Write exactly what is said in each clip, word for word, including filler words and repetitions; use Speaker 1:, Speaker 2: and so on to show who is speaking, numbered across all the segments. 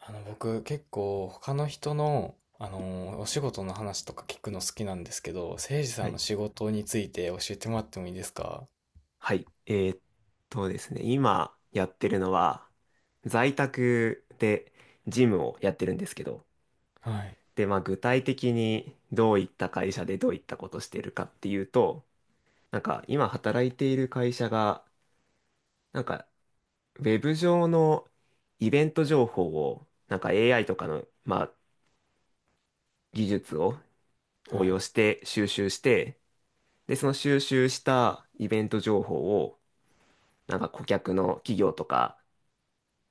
Speaker 1: あの、僕結構他の人の、あの、お仕事の話とか聞くの好きなんですけど、誠司さ
Speaker 2: は
Speaker 1: んの
Speaker 2: い。
Speaker 1: 仕事について教えてもらってもいいですか？
Speaker 2: はい。えーっとですね、今やってるのは、在宅でジムをやってるんですけど、
Speaker 1: はい、
Speaker 2: で、まあ具体的にどういった会社でどういったことしてるかっていうと、なんか今働いている会社が、なんかウェブ上のイベント情報を、なんか エーアイ とかの、まあ技術を
Speaker 1: は
Speaker 2: 応用
Speaker 1: い、
Speaker 2: して収集して、で、その収集したイベント情報を、なんか顧客の企業とか、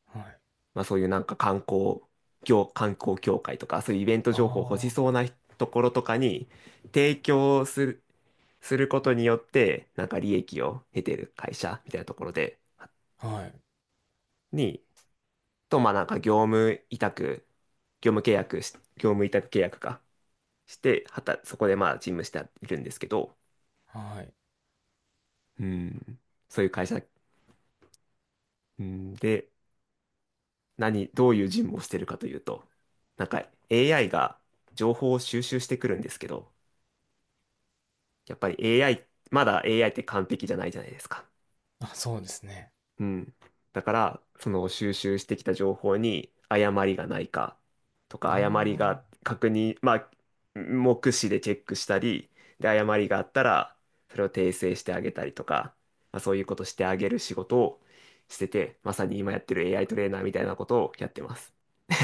Speaker 1: はい。
Speaker 2: まあ、そういうなんか観光業、観光協会とか、そういうイベント情報を欲し
Speaker 1: あ
Speaker 2: そうなところとかに提供する、することによって、なんか利益を得てる会社みたいなところで、
Speaker 1: あ、はい、
Speaker 2: に、と、まあなんか業務委託、業務契約し、業務委託契約かして、はた、そこでまあ事務しているんですけど、
Speaker 1: はい。
Speaker 2: うん、そういう会社、うん、で、何、どういう事務をしてるかというと、なんか エーアイ が情報を収集してくるんですけど、やっぱり エーアイ、まだ エーアイ って完璧じゃないじゃないですか。
Speaker 1: あ、そうですね。
Speaker 2: うん。だから、その収集してきた情報に誤りがないかとか、誤り
Speaker 1: あ
Speaker 2: が確認、まあ、目視でチェックしたり、で、誤りがあったら、それを訂正してあげたりとか、まあ、そういうことしてあげる仕事をしてて、まさに今やってる エーアイ トレーナーみたいなことをやってます。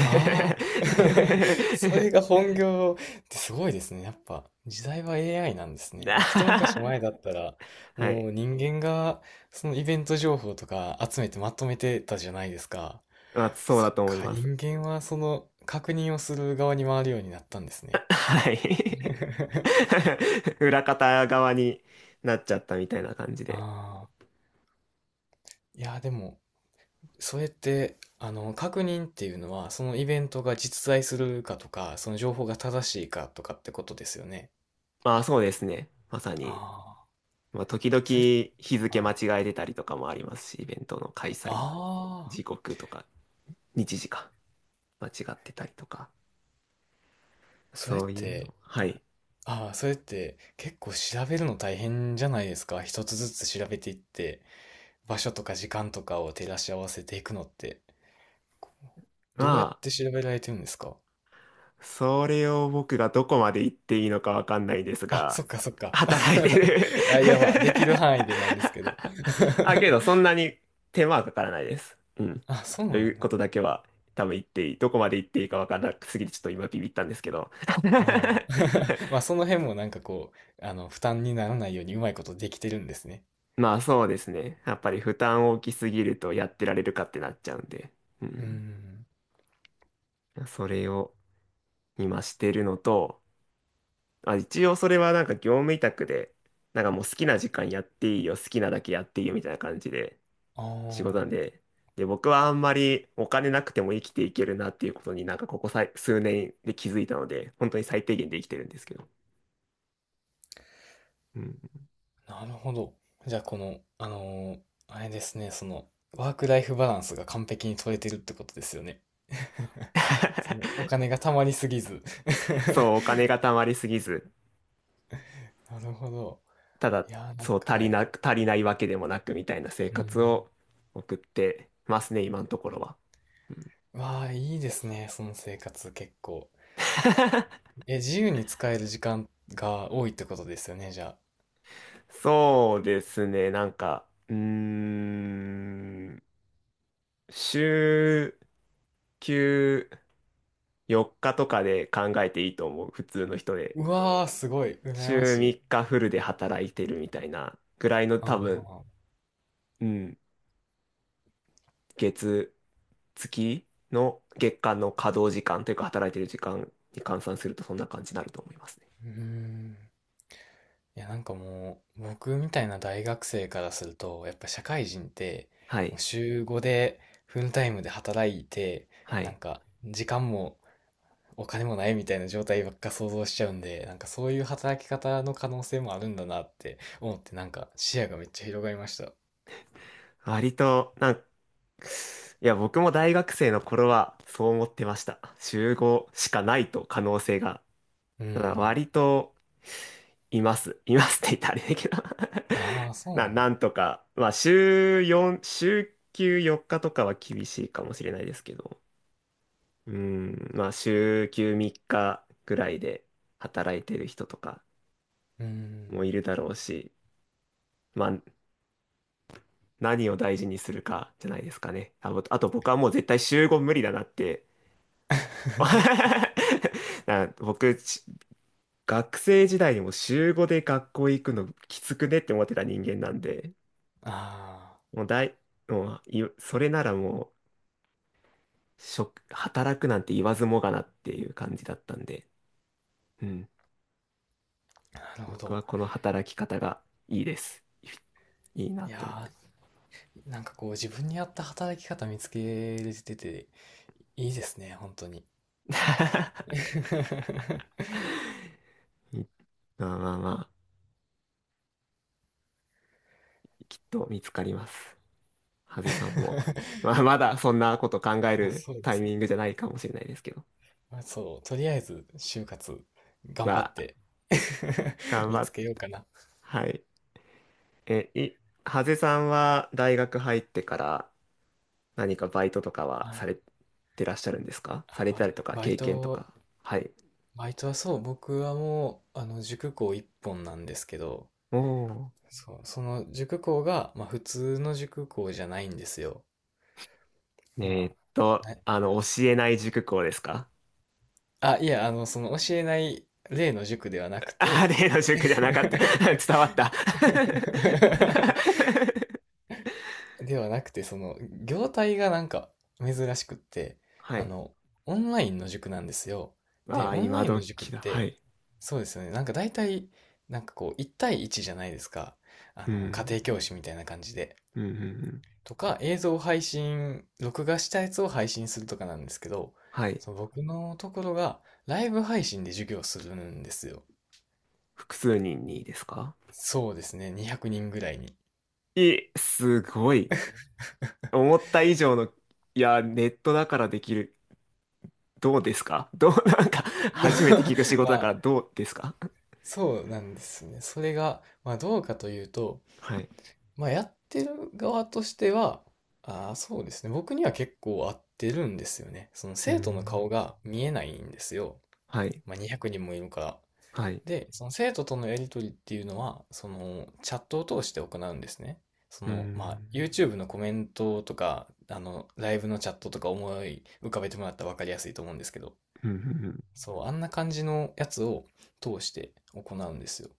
Speaker 1: あ、あ あ、それが本業ってすごいですね。やっぱ時代は エーアイ なんですね。もう一昔
Speaker 2: は
Speaker 1: 前だったら、
Speaker 2: い。
Speaker 1: もう人間がそのイベント情報とか集めてまとめてたじゃないですか。
Speaker 2: まあ、そう
Speaker 1: そっ
Speaker 2: だと思い
Speaker 1: か、
Speaker 2: ます。
Speaker 1: 人間はその確認をする側に回るようになったんですね。
Speaker 2: はい。裏方側になっちゃったみたいな感じで。
Speaker 1: ああ、いや、でも、それって、あの、確認っていうのは、そのイベントが実在するかとか、その情報が正しいかとかってことですよね。
Speaker 2: まあそうですね。まさに。
Speaker 1: ああ、
Speaker 2: まあ時々
Speaker 1: それ、
Speaker 2: 日付
Speaker 1: は
Speaker 2: 間違
Speaker 1: い。
Speaker 2: えてたりとかもありますし、イベントの開催
Speaker 1: ああ、
Speaker 2: 時刻とか、日時か間違ってたりとか、
Speaker 1: それっ
Speaker 2: そういう
Speaker 1: て、
Speaker 2: の。は
Speaker 1: はい。
Speaker 2: い。
Speaker 1: ああ、それって結構調べるの大変じゃないですか。一つずつ調べていって、場所とか時間とかを照らし合わせていくのって。
Speaker 2: ま
Speaker 1: どうやっ
Speaker 2: あ
Speaker 1: て調べられてるんですか？
Speaker 2: それを僕がどこまで言っていいのかわかんないです
Speaker 1: あ、そ
Speaker 2: が、
Speaker 1: っかそっか。
Speaker 2: 働いてる
Speaker 1: あ、いや、まあ、できる範囲でなんですけど。
Speaker 2: あ、けどそんなに手間はかからないです。うん。
Speaker 1: あ、そうな
Speaker 2: という
Speaker 1: ん
Speaker 2: こ
Speaker 1: だ。
Speaker 2: とだけは多分言っていい。どこまで言っていいかわからなくすぎてちょっと今ビビったんですけど。
Speaker 1: ああ。まあ、その辺もなんかこう、あの、負担にならないようにうまいことできてるんですね。
Speaker 2: まあそうですね。やっぱり負担大きすぎるとやってられるかってなっちゃうんで。う
Speaker 1: うー
Speaker 2: ん。
Speaker 1: ん。
Speaker 2: それを今してるのと、あ、一応それはなんか業務委託で、なんかもう好きな時間やっていいよ、好きなだけやっていいよみたいな感じで仕事なん
Speaker 1: あ
Speaker 2: で、で、僕はあんまりお金なくても生きていけるなっていうことになんかここさい数年で気づいたので、本当に最低限で生きてるんですけど。うん。
Speaker 1: あ、なるほど。じゃあ、この、あのーあれですね、その、ワークライフバランスが完璧に取れてるってことですよね。その お金がたまりすぎず。
Speaker 2: そう、お金が貯まりすぎず、
Speaker 1: なるほど。
Speaker 2: ただ、
Speaker 1: いやー、なん
Speaker 2: そう、足
Speaker 1: か、は
Speaker 2: り
Speaker 1: い。
Speaker 2: なく、足りないわけでもなくみたいな生
Speaker 1: う
Speaker 2: 活
Speaker 1: ん。
Speaker 2: を送ってますね、今のところは。うん。
Speaker 1: わあ、いいですね、その生活結構。え、自由に使える時間が多いってことですよね、じゃあ。
Speaker 2: そうですね、なんか、うーん。週休よっかとかで考えていいと思う、普通の人で。
Speaker 1: うわあ、すごい、羨
Speaker 2: 週
Speaker 1: ま
Speaker 2: 3
Speaker 1: しい。
Speaker 2: 日フルで働いてるみたいなぐらいの多
Speaker 1: あ
Speaker 2: 分、
Speaker 1: あ、
Speaker 2: うん、月、月の月間の稼働時間というか働いてる時間に換算するとそんな感じになると思いますね。
Speaker 1: うーん。いや、なんかもう、僕みたいな大学生からすると、やっぱ社会人って、
Speaker 2: は
Speaker 1: もう
Speaker 2: い。
Speaker 1: 週ごでフルタイムで働いて、
Speaker 2: は
Speaker 1: なん
Speaker 2: い。
Speaker 1: か、時間もお金もないみたいな状態ばっか想像しちゃうんで、なんかそういう働き方の可能性もあるんだなって思って、なんか視野がめっちゃ広がりました。
Speaker 2: 割と、なんか、いや、僕も大学生の頃はそう思ってました。週ごしかないと可能性が。
Speaker 1: う
Speaker 2: ただ
Speaker 1: ん。
Speaker 2: 割といます。いますって言ったらあれだけど。
Speaker 1: ああ、そう
Speaker 2: な、
Speaker 1: なん
Speaker 2: な
Speaker 1: だ。
Speaker 2: んとか、まあ、週よん、週休よっかとかは厳しいかもしれないですけど、うん、まあ、週休みっかぐらいで働いてる人とか
Speaker 1: うー
Speaker 2: も
Speaker 1: ん。
Speaker 2: いるだろうし、まあ、何を大事にするかじゃないですかね。あ、ぼあと僕はもう絶対週ご無理だなって。な僕、し学生時代にも週ごで学校行くのきつくねって思ってた人間なんで、
Speaker 1: あ
Speaker 2: もう大、もうい、それならもう、職、働くなんて言わずもがなっていう感じだったんで、うん。
Speaker 1: あ、なるほ
Speaker 2: 僕
Speaker 1: ど。
Speaker 2: はこの働き方がいいです。いいな
Speaker 1: い
Speaker 2: って思っ
Speaker 1: や
Speaker 2: てます。
Speaker 1: ー、なんかこう自分に合った働き方見つけれてて、いいですね、本当に。
Speaker 2: いまあまあまあ、きっと見つかります。ハゼさんも。まあまだそんなこと考え
Speaker 1: あ、
Speaker 2: る
Speaker 1: そうで
Speaker 2: タイ
Speaker 1: すね。
Speaker 2: ミングじゃないかもしれないですけど。
Speaker 1: あそう、とりあえず就活
Speaker 2: ま
Speaker 1: 頑張っ
Speaker 2: あ、
Speaker 1: て
Speaker 2: 頑
Speaker 1: 見
Speaker 2: 張
Speaker 1: つ
Speaker 2: っ、
Speaker 1: けようかな。
Speaker 2: はい。え、い、ハゼさんは大学入ってから何かバイトとかは
Speaker 1: は
Speaker 2: さ
Speaker 1: い。
Speaker 2: れてらっしゃるんですか、さ
Speaker 1: あ、
Speaker 2: れ
Speaker 1: バ
Speaker 2: た
Speaker 1: イ、
Speaker 2: りとか、
Speaker 1: バイ
Speaker 2: 経験と
Speaker 1: ト、
Speaker 2: か。はい。
Speaker 1: バイトはそう、僕はもう、あの、塾講一本なんですけど、
Speaker 2: おー。
Speaker 1: そう、その塾講が、まあ普通の塾講じゃないんですよ。
Speaker 2: えー
Speaker 1: ま
Speaker 2: っ
Speaker 1: あ、
Speaker 2: と、
Speaker 1: はい。
Speaker 2: あの、教えない塾講ですか？
Speaker 1: あ、いや、あの、その教えない例の塾ではなく
Speaker 2: あ、
Speaker 1: て、
Speaker 2: 例の 塾じゃなかった。伝わった。
Speaker 1: ではなくて、その、業態がなんか珍しくって、
Speaker 2: は
Speaker 1: あ
Speaker 2: い。
Speaker 1: の、オンラインの塾なんですよ。で、
Speaker 2: わあ、
Speaker 1: オンラ
Speaker 2: 今
Speaker 1: インの塾っ
Speaker 2: 時だ。は
Speaker 1: て、
Speaker 2: い。
Speaker 1: そうですよね。なんか大体、なんかこう、いち対いちじゃないですか。あ
Speaker 2: う
Speaker 1: の、家
Speaker 2: ん。
Speaker 1: 庭教師みたいな感じで。
Speaker 2: うん、うん、うん。
Speaker 1: とか、映像配信、録画したやつを配信するとかなんですけど、
Speaker 2: はい。
Speaker 1: その僕のところがライブ配信で授業するんですよ。
Speaker 2: 複数人にですか？
Speaker 1: そうですね、にひゃくにんぐらいに。
Speaker 2: いすごい。思った以上の、いや、ネットだからできる。どうですか？どう、なんか、初めて聞く仕
Speaker 1: ま
Speaker 2: 事だか
Speaker 1: あ、
Speaker 2: らどうですか？
Speaker 1: そうなんですね。それが、まあどうかというと、
Speaker 2: はい。
Speaker 1: まあやってる側としては、ああ、そうですね。僕には結構合ってるんですよね。その
Speaker 2: うー
Speaker 1: 生徒の
Speaker 2: ん。
Speaker 1: 顔が見えないんですよ。
Speaker 2: はい。
Speaker 1: まあにひゃくにんもいるから。
Speaker 2: はい。
Speaker 1: で、その生徒とのやり取りっていうのは、そのチャットを通して行うんですね。そ
Speaker 2: うー
Speaker 1: の、まあ、
Speaker 2: ん。
Speaker 1: YouTube のコメントとか、あの、ライブのチャットとか思い浮かべてもらったら分かりやすいと思うんですけど、
Speaker 2: うんうんうん。
Speaker 1: そう、あんな感じのやつを通して行うんですよ。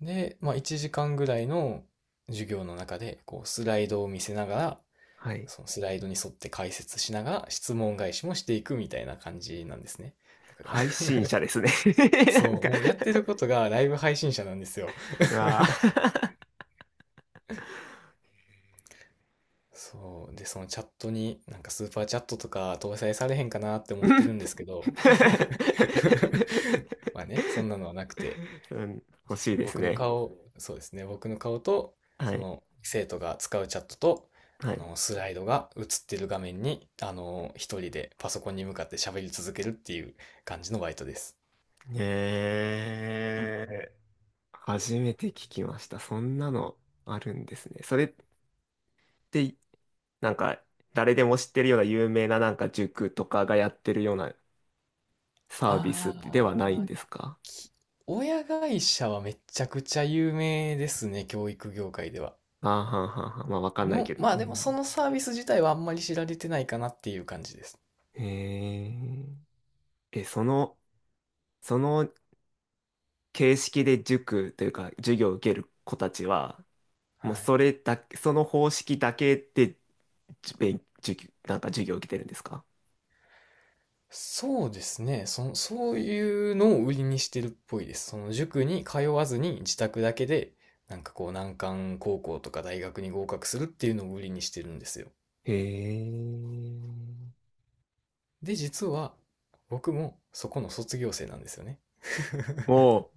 Speaker 1: で、まあ、いちじかんぐらいの授業の中で、こう、スライドを見せながら、
Speaker 2: はい。
Speaker 1: そのスライドに沿って解説しながら、質問返しもしていくみたいな感じなんですね。だから、
Speaker 2: 配 信者ですね。なん
Speaker 1: そう、
Speaker 2: か、
Speaker 1: もうやってることがライブ配信者なんですよ。
Speaker 2: うわあ。
Speaker 1: そう。で、そのチャットになんかスーパーチャットとか搭載されへんかなって思
Speaker 2: う
Speaker 1: ってる
Speaker 2: ん。
Speaker 1: んですけど、まあね、そんなのはなくて、
Speaker 2: うん。欲しいです
Speaker 1: 僕の
Speaker 2: ね。
Speaker 1: 顔、ねそうですね、僕の顔と、
Speaker 2: は
Speaker 1: そ
Speaker 2: い。
Speaker 1: の生徒が使うチャットと、
Speaker 2: は
Speaker 1: あ
Speaker 2: い。
Speaker 1: の、スライドが映ってる画面に、あの、一人でパソコンに向かって喋り続けるっていう感じのバイトです。
Speaker 2: ええ、初めて聞きました。そんなのあるんですね。それって、なんか、誰でも知ってるような有名ななんか塾とかがやってるような
Speaker 1: あ
Speaker 2: サービスではないんで
Speaker 1: ー、
Speaker 2: すか？
Speaker 1: 親会社はめちゃくちゃ有名ですね、教育業界では。
Speaker 2: ああ、はんはんはん。まあ、わかんないけ
Speaker 1: の、
Speaker 2: ど。
Speaker 1: まあ
Speaker 2: う
Speaker 1: でも
Speaker 2: ん。
Speaker 1: そのサービス自体はあんまり知られてないかなっていう感じです。
Speaker 2: へえ。え、その、その形式で塾というか、授業を受ける子たちは、
Speaker 1: は
Speaker 2: もう
Speaker 1: い。
Speaker 2: それだけ、その方式だけで、じ勉授業、なんか授業を受けてるんですか？
Speaker 1: そうですね。その、そういうのを売りにしてるっぽいです。その塾に通わずに自宅だけで、なんかこう難関高校とか大学に合格するっていうのを売りにしてるんですよ。
Speaker 2: へえ。
Speaker 1: で、実は僕もそこの卒業生なんですよね。
Speaker 2: おう、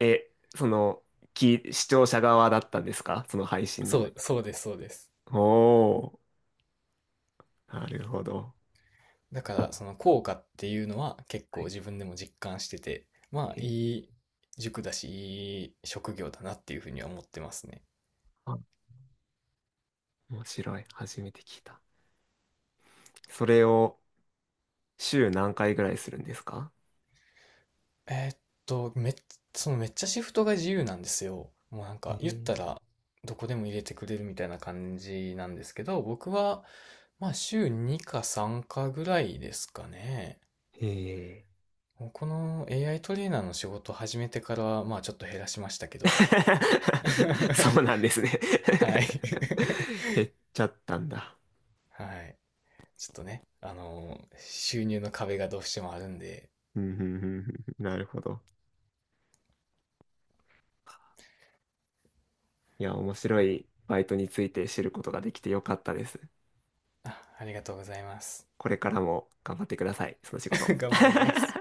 Speaker 2: え、その、き、視聴者側だったんですか、その配信
Speaker 1: そ
Speaker 2: の。
Speaker 1: う、そうです、そうです。
Speaker 2: おー、なるほど。
Speaker 1: だからその効果っていうのは結
Speaker 2: は
Speaker 1: 構
Speaker 2: い。
Speaker 1: 自分でも実感してて、まあ
Speaker 2: え、
Speaker 1: いい塾だし、いい職業だなっていうふうには思ってますね。
Speaker 2: あ、面白い。初めて聞いた。それを週何回ぐらいするんですか？
Speaker 1: えーっと、めっ、そのめっちゃシフトが自由なんですよ。もうなん
Speaker 2: え
Speaker 1: か言っ
Speaker 2: ー、
Speaker 1: たらどこでも入れてくれるみたいな感じなんですけど、僕はまあ週にかさんかぐらいですかね。
Speaker 2: えー。
Speaker 1: もうこの エーアイ トレーナーの仕事を始めてからはまあちょっと減らしましたけど。
Speaker 2: そ うなんですね。
Speaker 1: はい。
Speaker 2: 減っちゃったんだ。
Speaker 1: はい。ちょっとね、あのー収入の壁がどうしてもあるんで、
Speaker 2: うんうんうん。うん、なるほど。いや、面白いバイトについて知ることができてよかったです。
Speaker 1: あ、ありがとうございます。
Speaker 2: これからも頑張ってください、その仕事。
Speaker 1: 頑張ります。